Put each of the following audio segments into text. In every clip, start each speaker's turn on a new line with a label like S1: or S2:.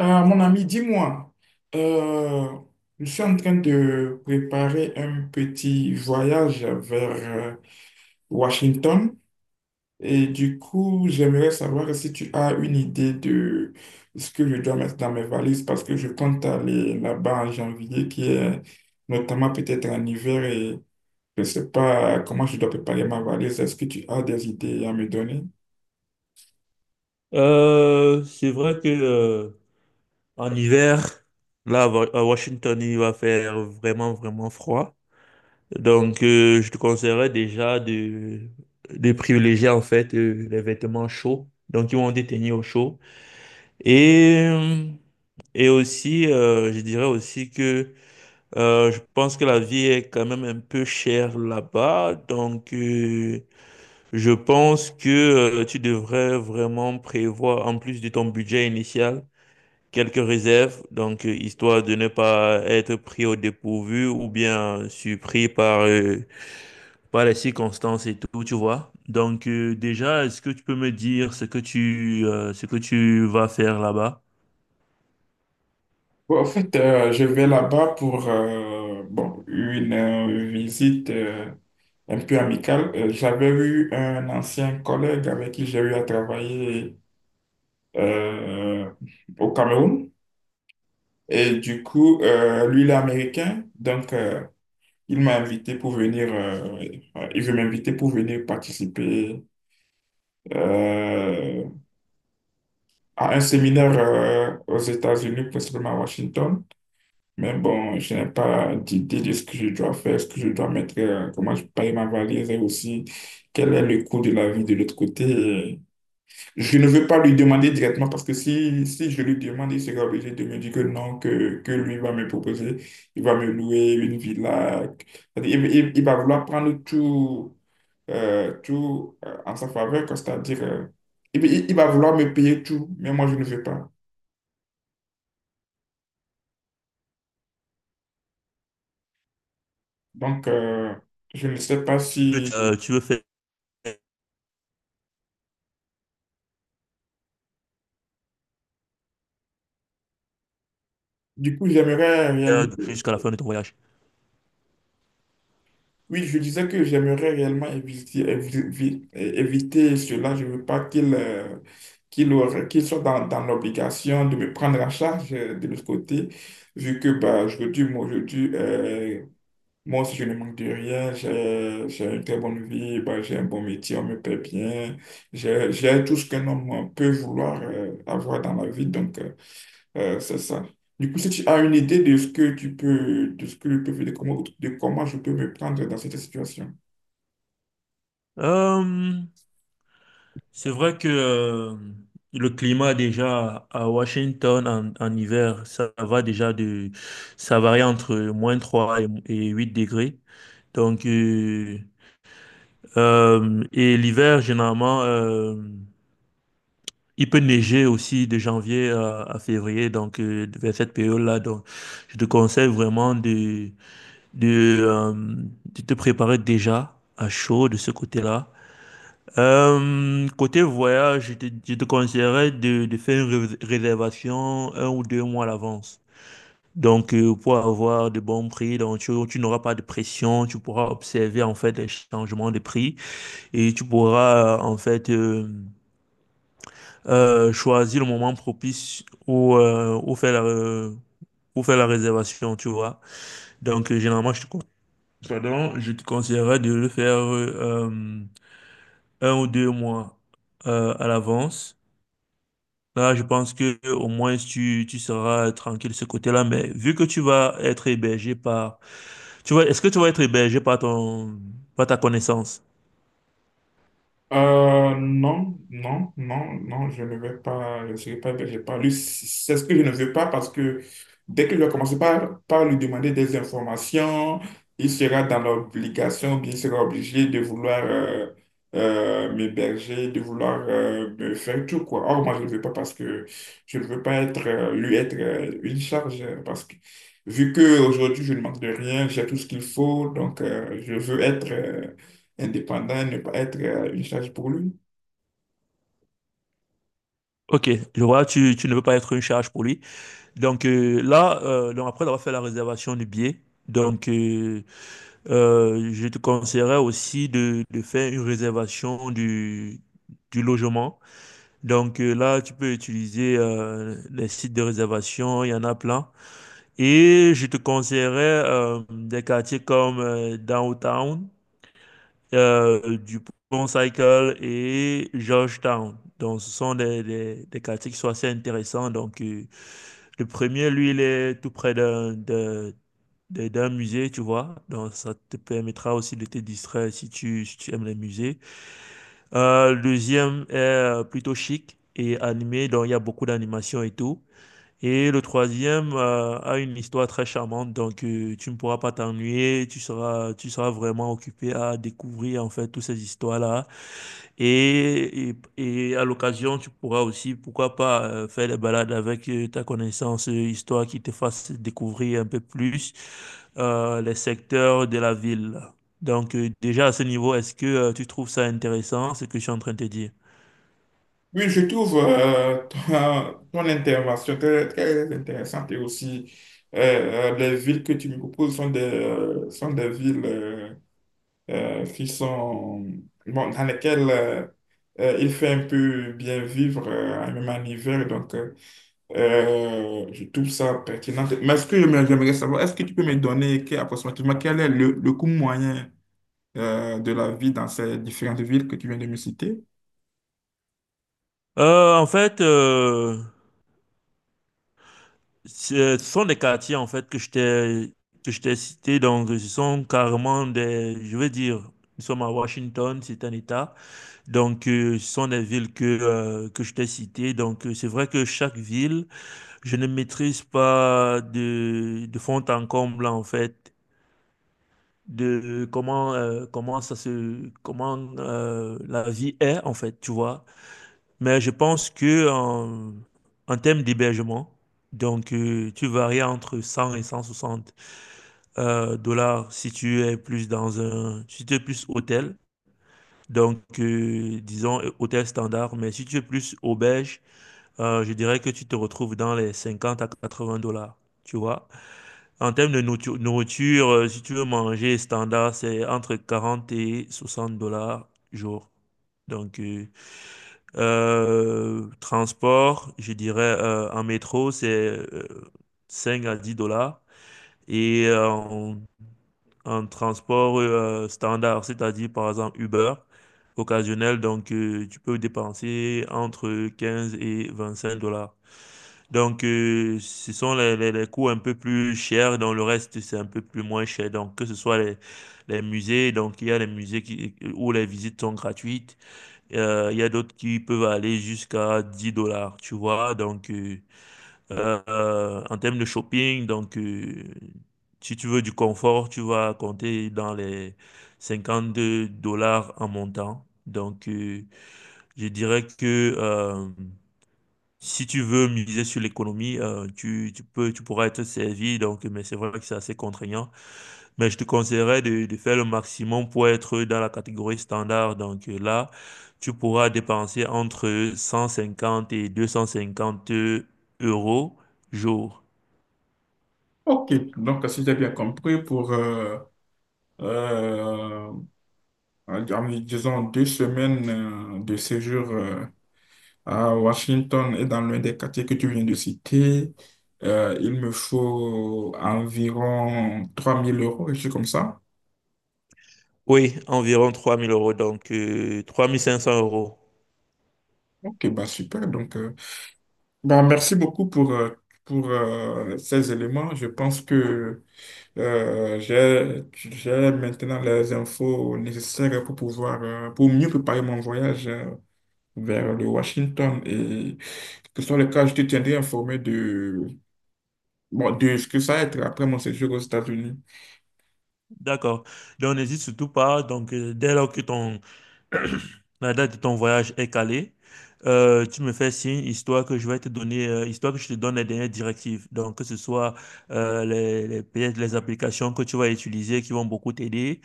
S1: Mon ami, dis-moi, euh, je suis en train de préparer un petit voyage vers Washington. Et du coup, j'aimerais savoir si tu as une idée de ce que je dois mettre dans mes valises, parce que je compte aller là-bas en janvier, qui est notamment peut-être en hiver, et je ne sais pas comment je dois préparer ma valise. Est-ce que tu as des idées à me donner?
S2: C'est vrai que en hiver, là à Washington, il va faire vraiment vraiment froid. Donc, je te conseillerais déjà de privilégier en fait les vêtements chauds, donc ils vont te tenir au chaud. Et euh, et aussi, je dirais aussi que je pense que la vie est quand même un peu chère là-bas, donc je pense que tu devrais vraiment prévoir en plus de ton budget initial quelques réserves, donc histoire de ne pas être pris au dépourvu ou bien surpris par les circonstances et tout, tu vois. Donc déjà, est-ce que tu peux me dire ce que tu, ce que tu vas faire là-bas?
S1: Bon, en fait, je vais là-bas pour bon, une visite un peu amicale. J'avais eu un ancien collègue avec qui j'ai eu à travailler euh, au Cameroun. Et du coup, lui, il est américain. Donc, il m'a invité pour venir, il veut m'inviter pour venir participer euh, à un séminaire aux États-Unis, principalement à Washington. Mais bon, je n'ai pas d'idée de ce que je dois faire, ce que je dois mettre, comment je paye ma valise, et aussi quel est le coût de la vie de l'autre côté. Et je ne veux pas lui demander directement, parce que si je lui demande, il sera obligé de me dire que non, que lui va me proposer, il va me louer une villa. C'est-à-dire, il va vouloir prendre tout, en sa faveur, quoi. C'est-à-dire, il va vouloir me payer tout, mais moi je ne veux pas. Donc, euh, je ne sais pas
S2: Que
S1: si.
S2: tu, tu veux faire
S1: Du coup, j'aimerais réellement,
S2: jusqu'à la fin de ton voyage?
S1: oui, je disais que j'aimerais réellement éviter, éviter cela. Je ne veux pas qu'il qu'il soit dans l'obligation de me prendre en charge de l'autre côté, vu que bah, aujourd'hui, moi aussi, je ne manque de rien. J'ai une très bonne vie, bah, j'ai un bon métier, on me paie bien. J'ai tout ce qu'un homme peut vouloir avoir dans la vie. C'est ça. Du coup, si tu as une idée de ce que tu peux, de ce que je peux faire, de comment je peux me prendre dans cette situation.
S2: Euh, c'est vrai que le climat déjà à Washington en hiver, ça va déjà de, ça varie entre moins 3 et 8 degrés. Donc, euh, et l'hiver, généralement, il peut neiger aussi de à février, donc vers cette période-là. Donc, je te conseille vraiment de te préparer déjà à chaud de ce côté-là. Côté voyage, je te conseillerais de faire une réservation un ou deux mois à l'avance. Donc, pour avoir de bons prix, donc tu n'auras pas de pression, tu pourras observer en fait les changements de prix et tu pourras en fait choisir le moment propice où faire où faire la réservation, tu vois. Donc, généralement, pardon, je te conseillerais de le faire un ou deux mois à l'avance. Là, je pense que au moins tu seras tranquille de ce côté-là, mais vu que tu vas être hébergé par... Tu vois, est-ce que tu vas être hébergé par par ta connaissance?
S1: Non, non, non, non, je ne vais pas, je ne serai pas hébergé par lui. C'est ce que je ne veux pas, parce que dès que je vais commencer par, par lui demander des informations, il sera dans l'obligation, bien, il sera obligé de vouloir m'héberger, de vouloir me faire tout, quoi. Or, moi, je ne veux pas, parce que je ne veux pas être, lui être une charge, parce que vu qu'aujourd'hui, je ne manque de rien, j'ai tout ce qu'il faut, je veux être indépendant et ne pas être une charge pour lui.
S2: Ok, je vois, tu ne veux pas être une charge pour lui. Donc là, donc après avoir fait la réservation du billet, donc je te conseillerais aussi de faire une réservation du logement. Donc là, tu peux utiliser les sites de réservation, il y en a plein. Et je te conseillerais des quartiers comme Downtown du Pont Cycle et Georgetown. Donc, ce sont des quartiers qui sont assez intéressants. Donc, le premier, lui, il est tout près d'un musée, tu vois. Donc, ça te permettra aussi de te distraire si si tu aimes les musées. Le deuxième est plutôt chic et animé. Donc, il y a beaucoup d'animation et tout. Et le troisième a une histoire très charmante, donc tu ne pourras pas t'ennuyer, tu seras vraiment occupé à découvrir en fait toutes ces histoires-là. Et, et à l'occasion, tu pourras aussi, pourquoi pas, faire des balades avec ta connaissance, histoire qui te fasse découvrir un peu plus les secteurs de la ville. Donc déjà à ce niveau, est-ce que tu trouves ça intéressant, ce que je suis en train de te dire?
S1: Oui, je trouve ton intervention très, très intéressante, et aussi les villes que tu me proposes sont sont des villes qui sont, bon, dans lesquelles il fait un peu bien vivre, même en hiver. Je trouve ça pertinent. Mais ce que j'aimerais savoir, est-ce que tu peux me donner approximativement quel est le coût moyen de la vie dans ces différentes villes que tu viens de me citer?
S2: Euh, en fait... euh, Ce sont des quartiers en fait que je t'ai cités, donc ce sont carrément des, je veux dire, nous sommes à Washington, c'est un État, donc ce sont des villes que je t'ai citées, donc c'est vrai que chaque ville, je ne maîtrise pas de fond en comble en fait de comment comment ça se comment la vie est en fait, tu vois. Mais je pense que en termes d'hébergement, donc tu varies entre 100 et 160 dollars si tu es plus dans si tu es plus hôtel. Donc, disons hôtel standard, mais si tu es plus auberge, je dirais que tu te retrouves dans les 50 à 80 dollars. Tu vois? En termes de nourriture, si tu veux manger standard, c'est entre 40 et 60 $ jour. Donc, transport, je dirais en métro, c'est 5 à 10 dollars. Et en transport standard, c'est-à-dire par exemple Uber, occasionnel, donc tu peux dépenser entre 15 et 25 dollars. Donc ce sont les coûts un peu plus chers, dans le reste c'est un peu plus moins cher. Donc que ce soit les musées, donc il y a les musées où les visites sont gratuites. Il y a d'autres qui peuvent aller jusqu'à 10 dollars, tu vois. Donc, en termes de shopping, donc, si tu veux du confort, tu vas compter dans les 52 dollars en montant. Donc, je dirais que si tu veux miser sur l'économie, tu, tu pourras être servi. Donc, mais c'est vrai que c'est assez contraignant. Mais je te conseillerais de faire le maximum pour être dans la catégorie standard. Donc là, tu pourras dépenser entre 150 et 250 euros jour.
S1: Ok, donc si j'ai bien compris, pour, euh, disons, 2 semaines de séjour à Washington, et dans l'un des quartiers que tu viens de citer, il me faut environ 3 000 euros, et c'est comme ça.
S2: Oui, environ 3000 euros, donc 3500 euros.
S1: Ok, bah super, bon, merci beaucoup pour ces éléments. Je pense que j'ai maintenant les infos nécessaires pour pouvoir, pour mieux préparer mon voyage vers le Washington. Et que ce soit le cas, je te tiendrai informé de, bon, de ce que ça va être après mon séjour aux États-Unis.
S2: D'accord. Donc n'hésite surtout pas. Donc dès lors que ton, la date de ton voyage est calée. Tu me fais signe, histoire que je vais te donner, histoire que je te donne les dernières directives. Donc, que ce soit peut-être les applications que tu vas utiliser qui vont beaucoup t'aider,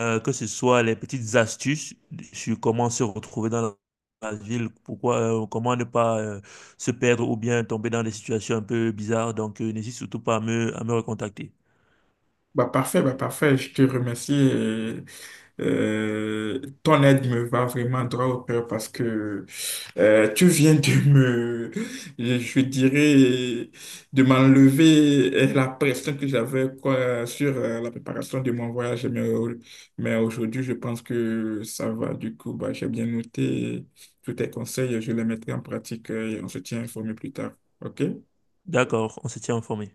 S2: que ce soit les petites astuces sur comment se retrouver dans la ville, pourquoi, comment ne pas se perdre ou bien tomber dans des situations un peu bizarres. Donc, n'hésite surtout pas à à me recontacter.
S1: Bah parfait, je te remercie. Et, ton aide me va vraiment droit au cœur, parce que tu viens de me, je dirais, de m'enlever la pression que j'avais, quoi, sur la préparation de mon voyage. Mais aujourd'hui, je pense que ça va. Du coup, bah, j'ai bien noté tous tes conseils, je les mettrai en pratique, et on se tient informé plus tard. OK?
S2: D'accord, on se tient informé.